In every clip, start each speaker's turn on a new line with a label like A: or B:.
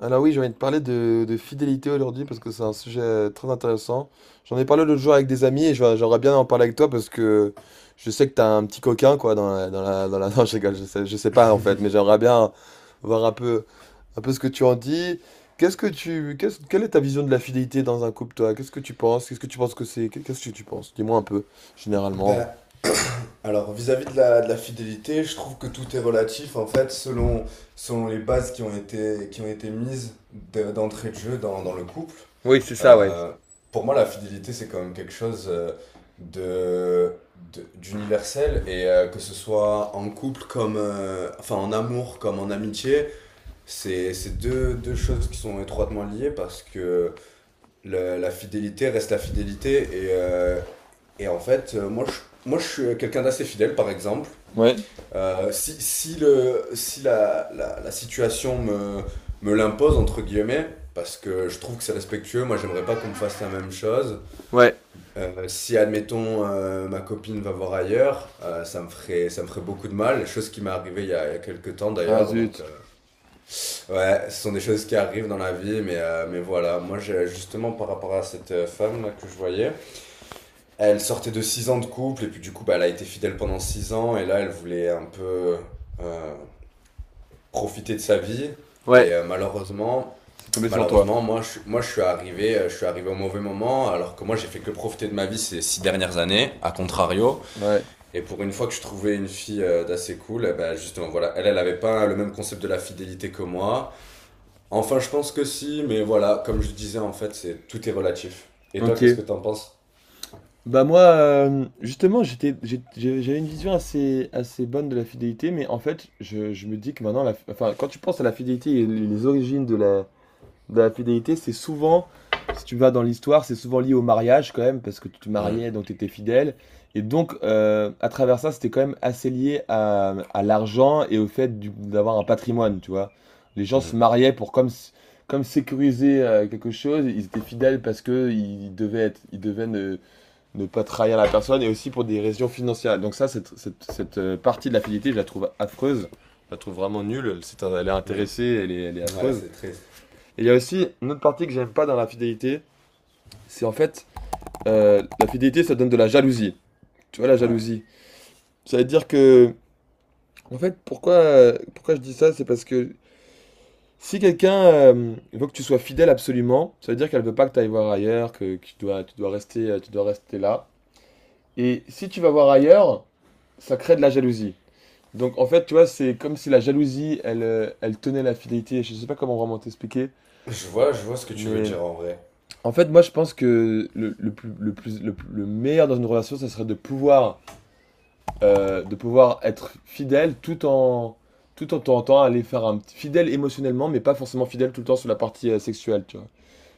A: Alors oui, j'ai envie de parler de fidélité aujourd'hui parce que c'est un sujet très intéressant. J'en ai parlé l'autre jour avec des amis et j'aimerais bien en parler avec toi, parce que je sais que t'as un petit coquin, quoi, Non, je rigole, je sais pas en fait, mais j'aimerais bien voir un peu, ce que tu en dis. Qu'est-ce que tu, qu'est-ce, quelle est ta vision de la fidélité dans un couple, toi? Qu'est-ce que tu penses? Qu'est-ce que tu penses que c'est? Qu'est-ce que tu penses? Dis-moi un peu, généralement.
B: Ben, alors vis-à-vis de la fidélité, je trouve que tout est relatif en fait selon, selon les bases qui ont été d'entrée de jeu dans le couple.
A: Oui, c'est ça, ouais.
B: Euh, pour moi, la fidélité, c'est quand même quelque chose de, d'universel et que ce soit en couple comme, enfin en amour comme en amitié, c'est deux choses qui sont étroitement liées parce que la fidélité reste la fidélité et, euh, Et en fait, moi, je suis quelqu'un d'assez fidèle, par exemple.
A: Ouais.
B: Si la situation me l'impose, entre guillemets, parce que je trouve que c'est respectueux, moi, j'aimerais pas qu'on me fasse la même chose.
A: Ouais,
B: Si, admettons, ma copine va voir ailleurs, ça me ferait beaucoup de mal. Chose qui m'est arrivée il y a quelques temps,
A: ah
B: d'ailleurs. Donc,
A: zut,
B: ouais, ce sont des choses qui arrivent dans la vie, mais voilà. Justement, par rapport à cette femme-là que je voyais, elle sortait de 6 ans de couple et puis du coup, bah, elle a été fidèle pendant 6 ans et là, elle voulait un peu euh, profiter de sa vie.
A: ouais,
B: Et malheureusement,
A: c'est tombé sur toi.
B: malheureusement, moi, je suis arrivé au mauvais moment alors que moi, j'ai fait que profiter de ma vie ces 6 dernières années, à contrario.
A: Ouais.
B: Et pour une fois que je trouvais une fille d'assez cool, eh ben, justement, voilà, elle avait pas le même concept de la fidélité que moi. Enfin, je pense que si, mais voilà, comme je disais, en fait, c'est tout est relatif. Et toi,
A: Ok.
B: qu'est-ce que t'en penses?
A: Bah moi, justement, j'avais une vision assez bonne de la fidélité, mais en fait, je me dis que maintenant, enfin, quand tu penses à la fidélité et les origines de la, fidélité, c'est souvent, si tu vas dans l'histoire, c'est souvent lié au mariage quand même, parce que tu te
B: Hmm,
A: mariais, donc tu étais fidèle. Et donc, à travers ça, c'était quand même assez lié à l'argent et au fait d'avoir un patrimoine, tu vois. Les gens se
B: hmm.
A: mariaient pour comme sécuriser quelque chose, ils étaient fidèles parce que ils devaient ne- ne pas trahir la personne et aussi pour des raisons financières. Donc ça, cette partie de la fidélité, je la trouve affreuse. Je la trouve vraiment nulle. C'est, elle est intéressée, elle est elle est
B: Ouais,
A: affreuse.
B: c'est triste.
A: Et il y a aussi une autre partie que j'aime pas dans la fidélité. C'est en fait, la fidélité, ça donne de la jalousie. Tu vois, la
B: Ouais.
A: jalousie. Ça veut dire que, en fait, pourquoi, je dis ça, c'est parce que si quelqu'un veut que tu sois fidèle absolument, ça veut dire qu'elle veut pas que tu ailles voir ailleurs, que tu dois rester là. Et si tu vas voir ailleurs, ça crée de la jalousie. Donc en fait, tu vois, c'est comme si la jalousie, elle, tenait la fidélité. Je sais pas comment vraiment t'expliquer,
B: Je vois ce que tu veux
A: mais
B: dire en vrai.
A: en fait, moi, je pense que le meilleur dans une relation, ça serait de pouvoir, être fidèle tout en tentant aller faire un petit fidèle émotionnellement, mais pas forcément fidèle tout le temps sur la partie sexuelle, tu vois.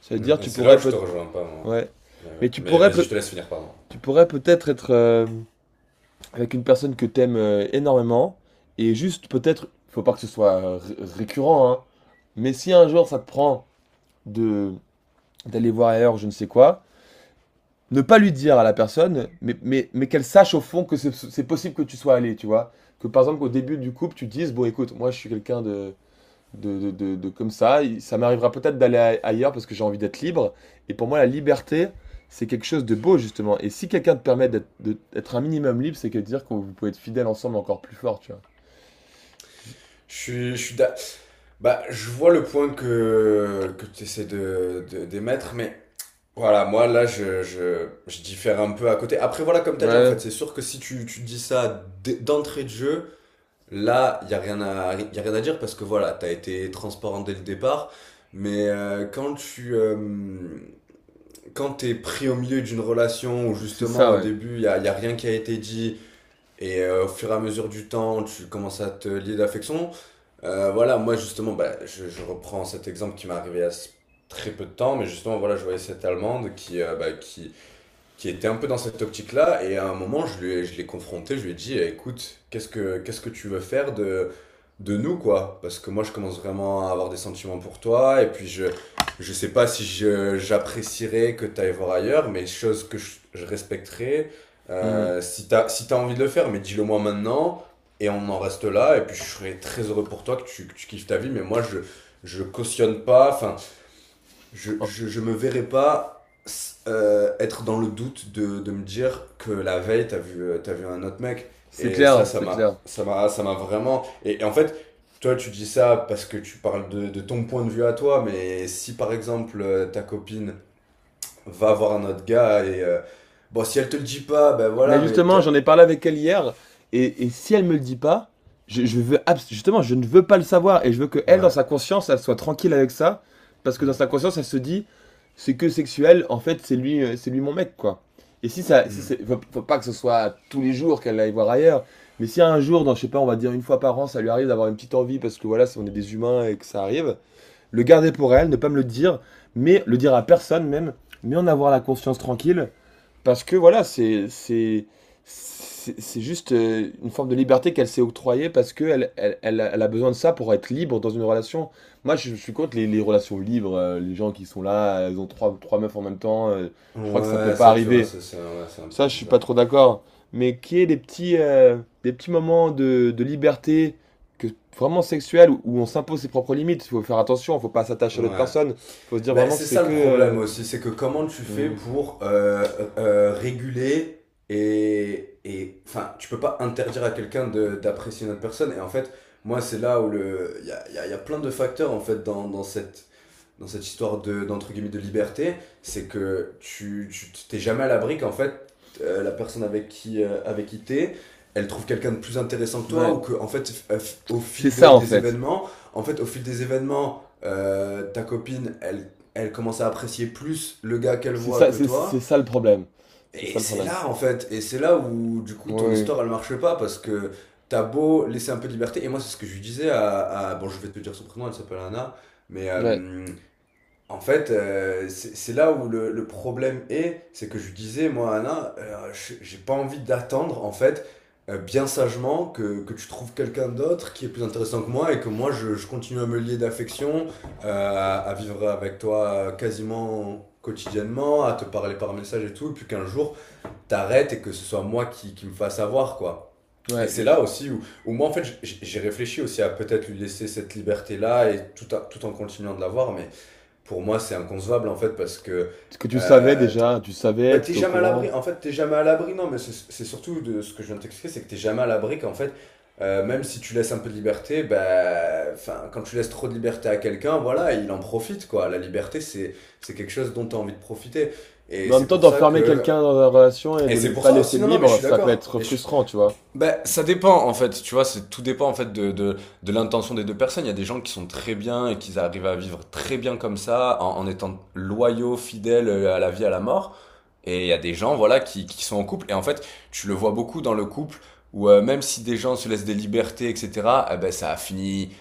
A: Ça veut dire,
B: Mm, et c'est là où je te rejoins pas, moi.
A: ouais,
B: Mais, ouais.
A: mais
B: Mais vas-y, je te laisse finir, pardon.
A: tu pourrais peut-être être, avec une personne que t'aimes énormément, et juste peut-être, faut pas que ce soit récurrent, hein, mais si un jour ça te prend de d'aller voir ailleurs, je ne sais quoi, ne pas lui dire à la personne, mais, qu'elle sache au fond que c'est possible que tu sois allé, tu vois. Que par exemple, qu'au début du couple, tu dises, bon écoute, moi je suis quelqu'un de comme ça. Ça m'arrivera peut-être d'aller ailleurs parce que j'ai envie d'être libre. Et pour moi, la liberté, c'est quelque chose de beau, justement. Et si quelqu'un te permet d'être un minimum libre, c'est que dire que vous pouvez être fidèle ensemble encore plus fort, tu vois. Je-
B: Je suis, je suis d'a- Bah, je vois le point que tu essaies de, d'émettre, mais voilà, moi là, je diffère un peu à côté. Après, voilà, comme tu as dit, en
A: Ouais,
B: fait, c'est sûr que si tu, tu dis ça d'entrée de jeu, là, il n'y a rien à, y a rien à dire parce que voilà, tu as été transparent dès le départ. Mais quand tu, quand t'es pris au milieu d'une relation où
A: donc c'est
B: justement
A: ça,
B: au
A: ouais.
B: début y a rien qui a été dit et au fur et à mesure du temps tu commences à te lier d'affection, voilà moi justement bah, je reprends cet exemple qui m'est arrivé il y a s- très peu de temps mais justement voilà je voyais cette Allemande qui, bah, qui était un peu dans cette optique-là. Et à un moment, je l'ai confronté, je lui ai dit: «Eh, écoute, qu'est-ce que tu veux faire de nous, quoi? Parce que moi, je commence vraiment à avoir des sentiments pour toi. Et puis, je sais pas si j'apprécierais que tu ailles voir ailleurs, mais chose que je respecterais.
A: Hmm.
B: Si t'as envie de le faire, mais dis-le moi maintenant. Et on en reste là. Et puis, je serais très heureux pour toi que tu kiffes ta vie. Mais moi, je cautionne pas. Enfin,
A: Oh,
B: je me verrais pas être dans le doute de me dire que la veille, t'as vu un autre mec.»
A: c'est
B: Et ça,
A: clair, c'est clair.
B: ça m'a vraiment. Et en fait, toi, tu dis ça parce que tu parles de ton point de vue à toi, mais si par exemple ta copine va voir un autre gars et bon, si elle te le dit pas, ben
A: Mais
B: voilà, mais
A: justement, j'en
B: peut-être...
A: ai parlé avec elle hier, et, si elle me le dit pas, je veux justement, je ne veux pas le savoir, et je veux que, elle, dans
B: Ouais.
A: sa conscience, elle soit tranquille avec ça, parce que dans
B: Hmm.
A: sa conscience, elle se dit, c'est que sexuel, en fait, c'est lui mon mec, quoi. Et si ça, si
B: Hmm.
A: c'est- faut, pas que ce soit tous les jours qu'elle aille voir ailleurs, mais si un jour, dans, je sais pas, on va dire une fois par an, ça lui arrive d'avoir une petite envie, parce que voilà, si on est des humains et que ça arrive, le garder pour elle, ne pas me le dire, mais le dire à personne même, mais en avoir la conscience tranquille, parce que voilà, c'est juste une forme de liberté qu'elle s'est octroyée, parce que elle, elle a besoin de ça pour être libre dans une relation. Moi, je suis contre les, relations libres, les gens qui sont là, elles ont trois, meufs en même temps. Je crois que ça peut
B: Ouais,
A: pas
B: ça, tu vois,
A: arriver.
B: ça, c'est ouais, c'est un peu
A: Ça, je suis pas
B: bizarre.
A: trop d'accord. Mais qu'il y ait des petits, moments de liberté que, vraiment sexuelle, où, on s'impose ses propres limites. Il faut faire attention, faut pas s'attacher à l'autre
B: Ouais.
A: personne. Faut se dire
B: Bah,
A: vraiment que
B: c'est
A: c'est
B: ça le
A: que...
B: problème aussi, c'est que comment tu fais
A: euh,
B: pour réguler et enfin, tu peux pas interdire à quelqu'un d'apprécier une autre personne. Et en fait, moi, c'est là où le, il y a plein de facteurs en fait dans, dans cette histoire de d'entre guillemets de liberté, c'est que tu t'es jamais à l'abri qu'en fait la personne avec qui t'es elle trouve quelqu'un de plus intéressant que
A: hmm,
B: toi
A: ouais,
B: ou que en fait au
A: c'est
B: fil
A: ça en
B: des
A: fait.
B: événements en fait au fil des événements ta copine elle elle commence à apprécier plus le gars qu'elle
A: C'est
B: voit
A: ça,
B: que toi
A: ça le problème. C'est ça
B: et
A: le
B: c'est
A: problème.
B: là en fait et c'est là où du coup
A: Oui,
B: ton
A: oui.
B: histoire elle marche pas parce que t'as beau laisser un peu de liberté et moi c'est ce que je lui disais à- bon je vais te dire son prénom, elle s'appelle Anna mais
A: Ouais,
B: en fait, c'est là où le problème est, c'est que je lui disais: «Moi, Anna, je j'ai pas envie d'attendre, en fait, bien sagement que tu trouves quelqu'un d'autre qui est plus intéressant que moi et que moi, je continue à me lier d'affection, à vivre avec toi, quasiment quotidiennement, à te parler par message et tout, et puis qu'un jour, t'arrêtes et que ce soit moi qui me fasse avoir, quoi». Et
A: ouais,
B: c'est là aussi où où moi, en fait, j'ai réfléchi aussi à peut-être lui laisser cette liberté-là et tout a tout en continuant de l'avoir, mais pour moi, c'est inconcevable en fait parce que
A: parce que tu savais
B: t'es
A: déjà,
B: bah, t'es
A: t'étais au
B: jamais à l'abri.
A: courant.
B: En fait, t'es jamais à l'abri. Non, mais c'est surtout de ce que je viens de t'expliquer, c'est que t'es jamais à l'abri qu'en fait, même si tu laisses un peu de liberté, bah, enfin, quand tu laisses trop de liberté à quelqu'un, voilà, il en profite quoi. La liberté, c'est quelque chose dont t'as envie de profiter. Et
A: Mais en même
B: c'est
A: temps,
B: pour ça
A: d'enfermer
B: que
A: quelqu'un dans la relation et
B: et
A: de
B: c'est
A: le
B: pour
A: pas
B: ça
A: laisser
B: aussi. Non, non, mais je
A: libre,
B: suis
A: ça peut
B: d'accord.
A: être
B: Et je
A: frustrant, tu vois.
B: ben, ça dépend en fait, tu vois, c'est tout dépend en fait de l'intention des deux personnes. Il y a des gens qui sont très bien et qui arrivent à vivre très bien comme ça, en, en étant loyaux, fidèles à la vie, à la mort. Et il y a des gens, voilà, qui sont en couple. Et en fait, tu le vois beaucoup dans le couple où même si des gens se laissent des libertés, etc., eh ben, ça a fini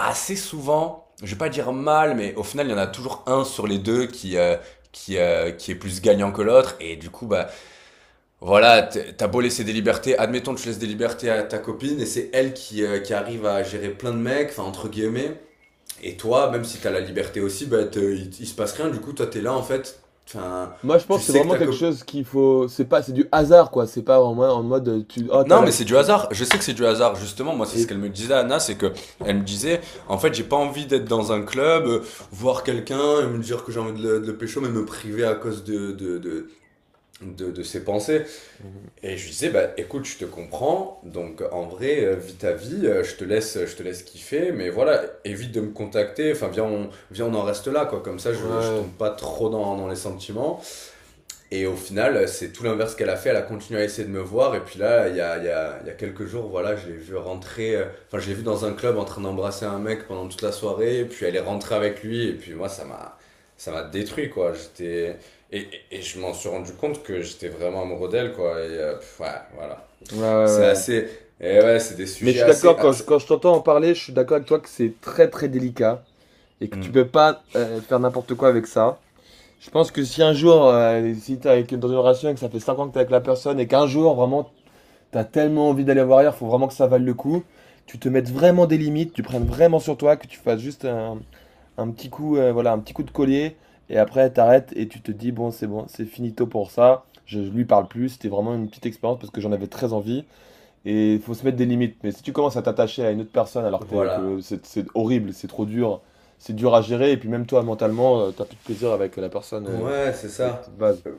B: assez souvent, je vais pas dire mal, mais au final, il y en a toujours un sur les deux qui, qui est plus gagnant que l'autre. Et du coup, bah, voilà, t'as beau laisser des libertés, admettons que tu laisses des libertés à ta copine et c'est elle qui arrive à gérer plein de mecs, enfin entre guillemets, et toi, même si t'as la liberté aussi, il se passe rien, du coup toi t'es là en fait, enfin
A: Moi, je pense
B: tu
A: que c'est
B: sais que
A: vraiment
B: ta
A: quelque
B: copine...
A: chose qu'il faut. C'est pas, c'est du hasard, quoi. C'est pas en mode, tu, oh, t'as
B: Non mais
A: la,
B: c'est du
A: tu...
B: hasard, je sais que c'est du hasard, justement, moi c'est ce
A: Et
B: qu'elle me disait Anna, c'est que elle me disait, en fait j'ai pas envie d'être dans un club, voir quelqu'un et me dire que j'ai envie de le pécho, mais me priver à cause de ses pensées.
A: ouais,
B: Et je lui disais, bah écoute, je te comprends, donc en vrai, vis ta vie, je te laisse kiffer, mais voilà, évite de me contacter, enfin viens on en reste là, quoi, comme ça je
A: ouais,
B: tombe pas trop dans, dans les sentiments, et au final, c'est tout l'inverse qu'elle a fait. Elle a continué à essayer de me voir. Et puis là, il y a quelques jours, voilà, je l'ai vu rentrer. Enfin, je l'ai vu dans un club en train d'embrasser un mec pendant toute la soirée. Et puis elle est rentrée avec lui. Et puis moi, ça m'a détruit, quoi. J'étais. Et, et je m'en suis rendu compte que j'étais vraiment amoureux d'elle, quoi. Et pff, ouais, voilà.
A: ouais.
B: C'est
A: Ouais.
B: assez. Et ouais, c'est des
A: Mais je
B: sujets
A: suis
B: assez,
A: d'accord, quand je,
B: assez...
A: t'entends en parler, je suis d'accord avec toi que c'est très, très délicat et que tu peux
B: Mm.
A: pas faire n'importe quoi avec ça. Je pense que si un jour, si t'es avec, dans une relation et que ça fait 5 ans que t'es avec la personne et qu'un jour, vraiment, t'as tellement envie d'aller voir ailleurs, faut vraiment que ça vaille le coup, tu te mettes vraiment des limites, tu prennes vraiment sur toi, que tu fasses juste un, petit coup, voilà, un petit coup de collier, et après t'arrêtes et tu te dis, bon, c'est finito pour ça, je lui parle plus, c'était vraiment une petite expérience parce que j'en avais très envie. Et il faut se mettre des limites. Mais si tu commences à t'attacher à une autre personne alors que, t'es- que
B: Voilà.
A: le- c'est horrible, c'est trop dur, c'est dur à gérer, et puis même toi, mentalement, t'as plus de plaisir avec la personne,
B: Ouais, c'est
A: avec tes
B: ça.
A: bases.
B: Euh,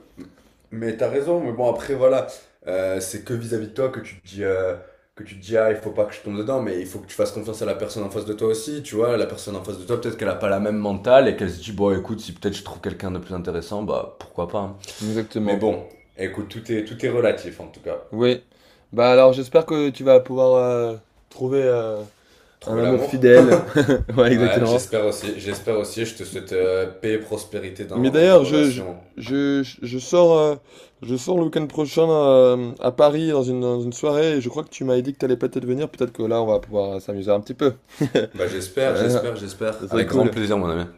B: Mais t'as raison, mais bon, après, voilà, c'est que vis-à-vis de toi que tu te dis, ah, il faut pas que je tombe dedans, mais il faut que tu fasses confiance à la personne en face de toi aussi, tu vois. La personne en face de toi, peut-être qu'elle a pas la même mentale et qu'elle se dit, bon, écoute, si peut-être je trouve quelqu'un de plus intéressant, bah, pourquoi pas, hein. Mais
A: Exactement.
B: bon, écoute, tout est relatif, en tout cas.
A: Oui. Bah alors, j'espère que tu vas pouvoir trouver un
B: Trouver
A: amour
B: l'amour.
A: fidèle. Ouais,
B: Ouais,
A: exactement.
B: j'espère aussi, je te souhaite paix et prospérité
A: Mais
B: dans, dans ta
A: d'ailleurs,
B: relation.
A: je sors, le week-end prochain à Paris dans une, soirée, et je crois que tu m'avais dit que t'allais peut-être venir, peut-être que là, on va pouvoir s'amuser un petit peu.
B: Bah, j'espère, j'espère, j'espère.
A: Ça serait
B: Avec grand
A: cool.
B: plaisir, mon ami.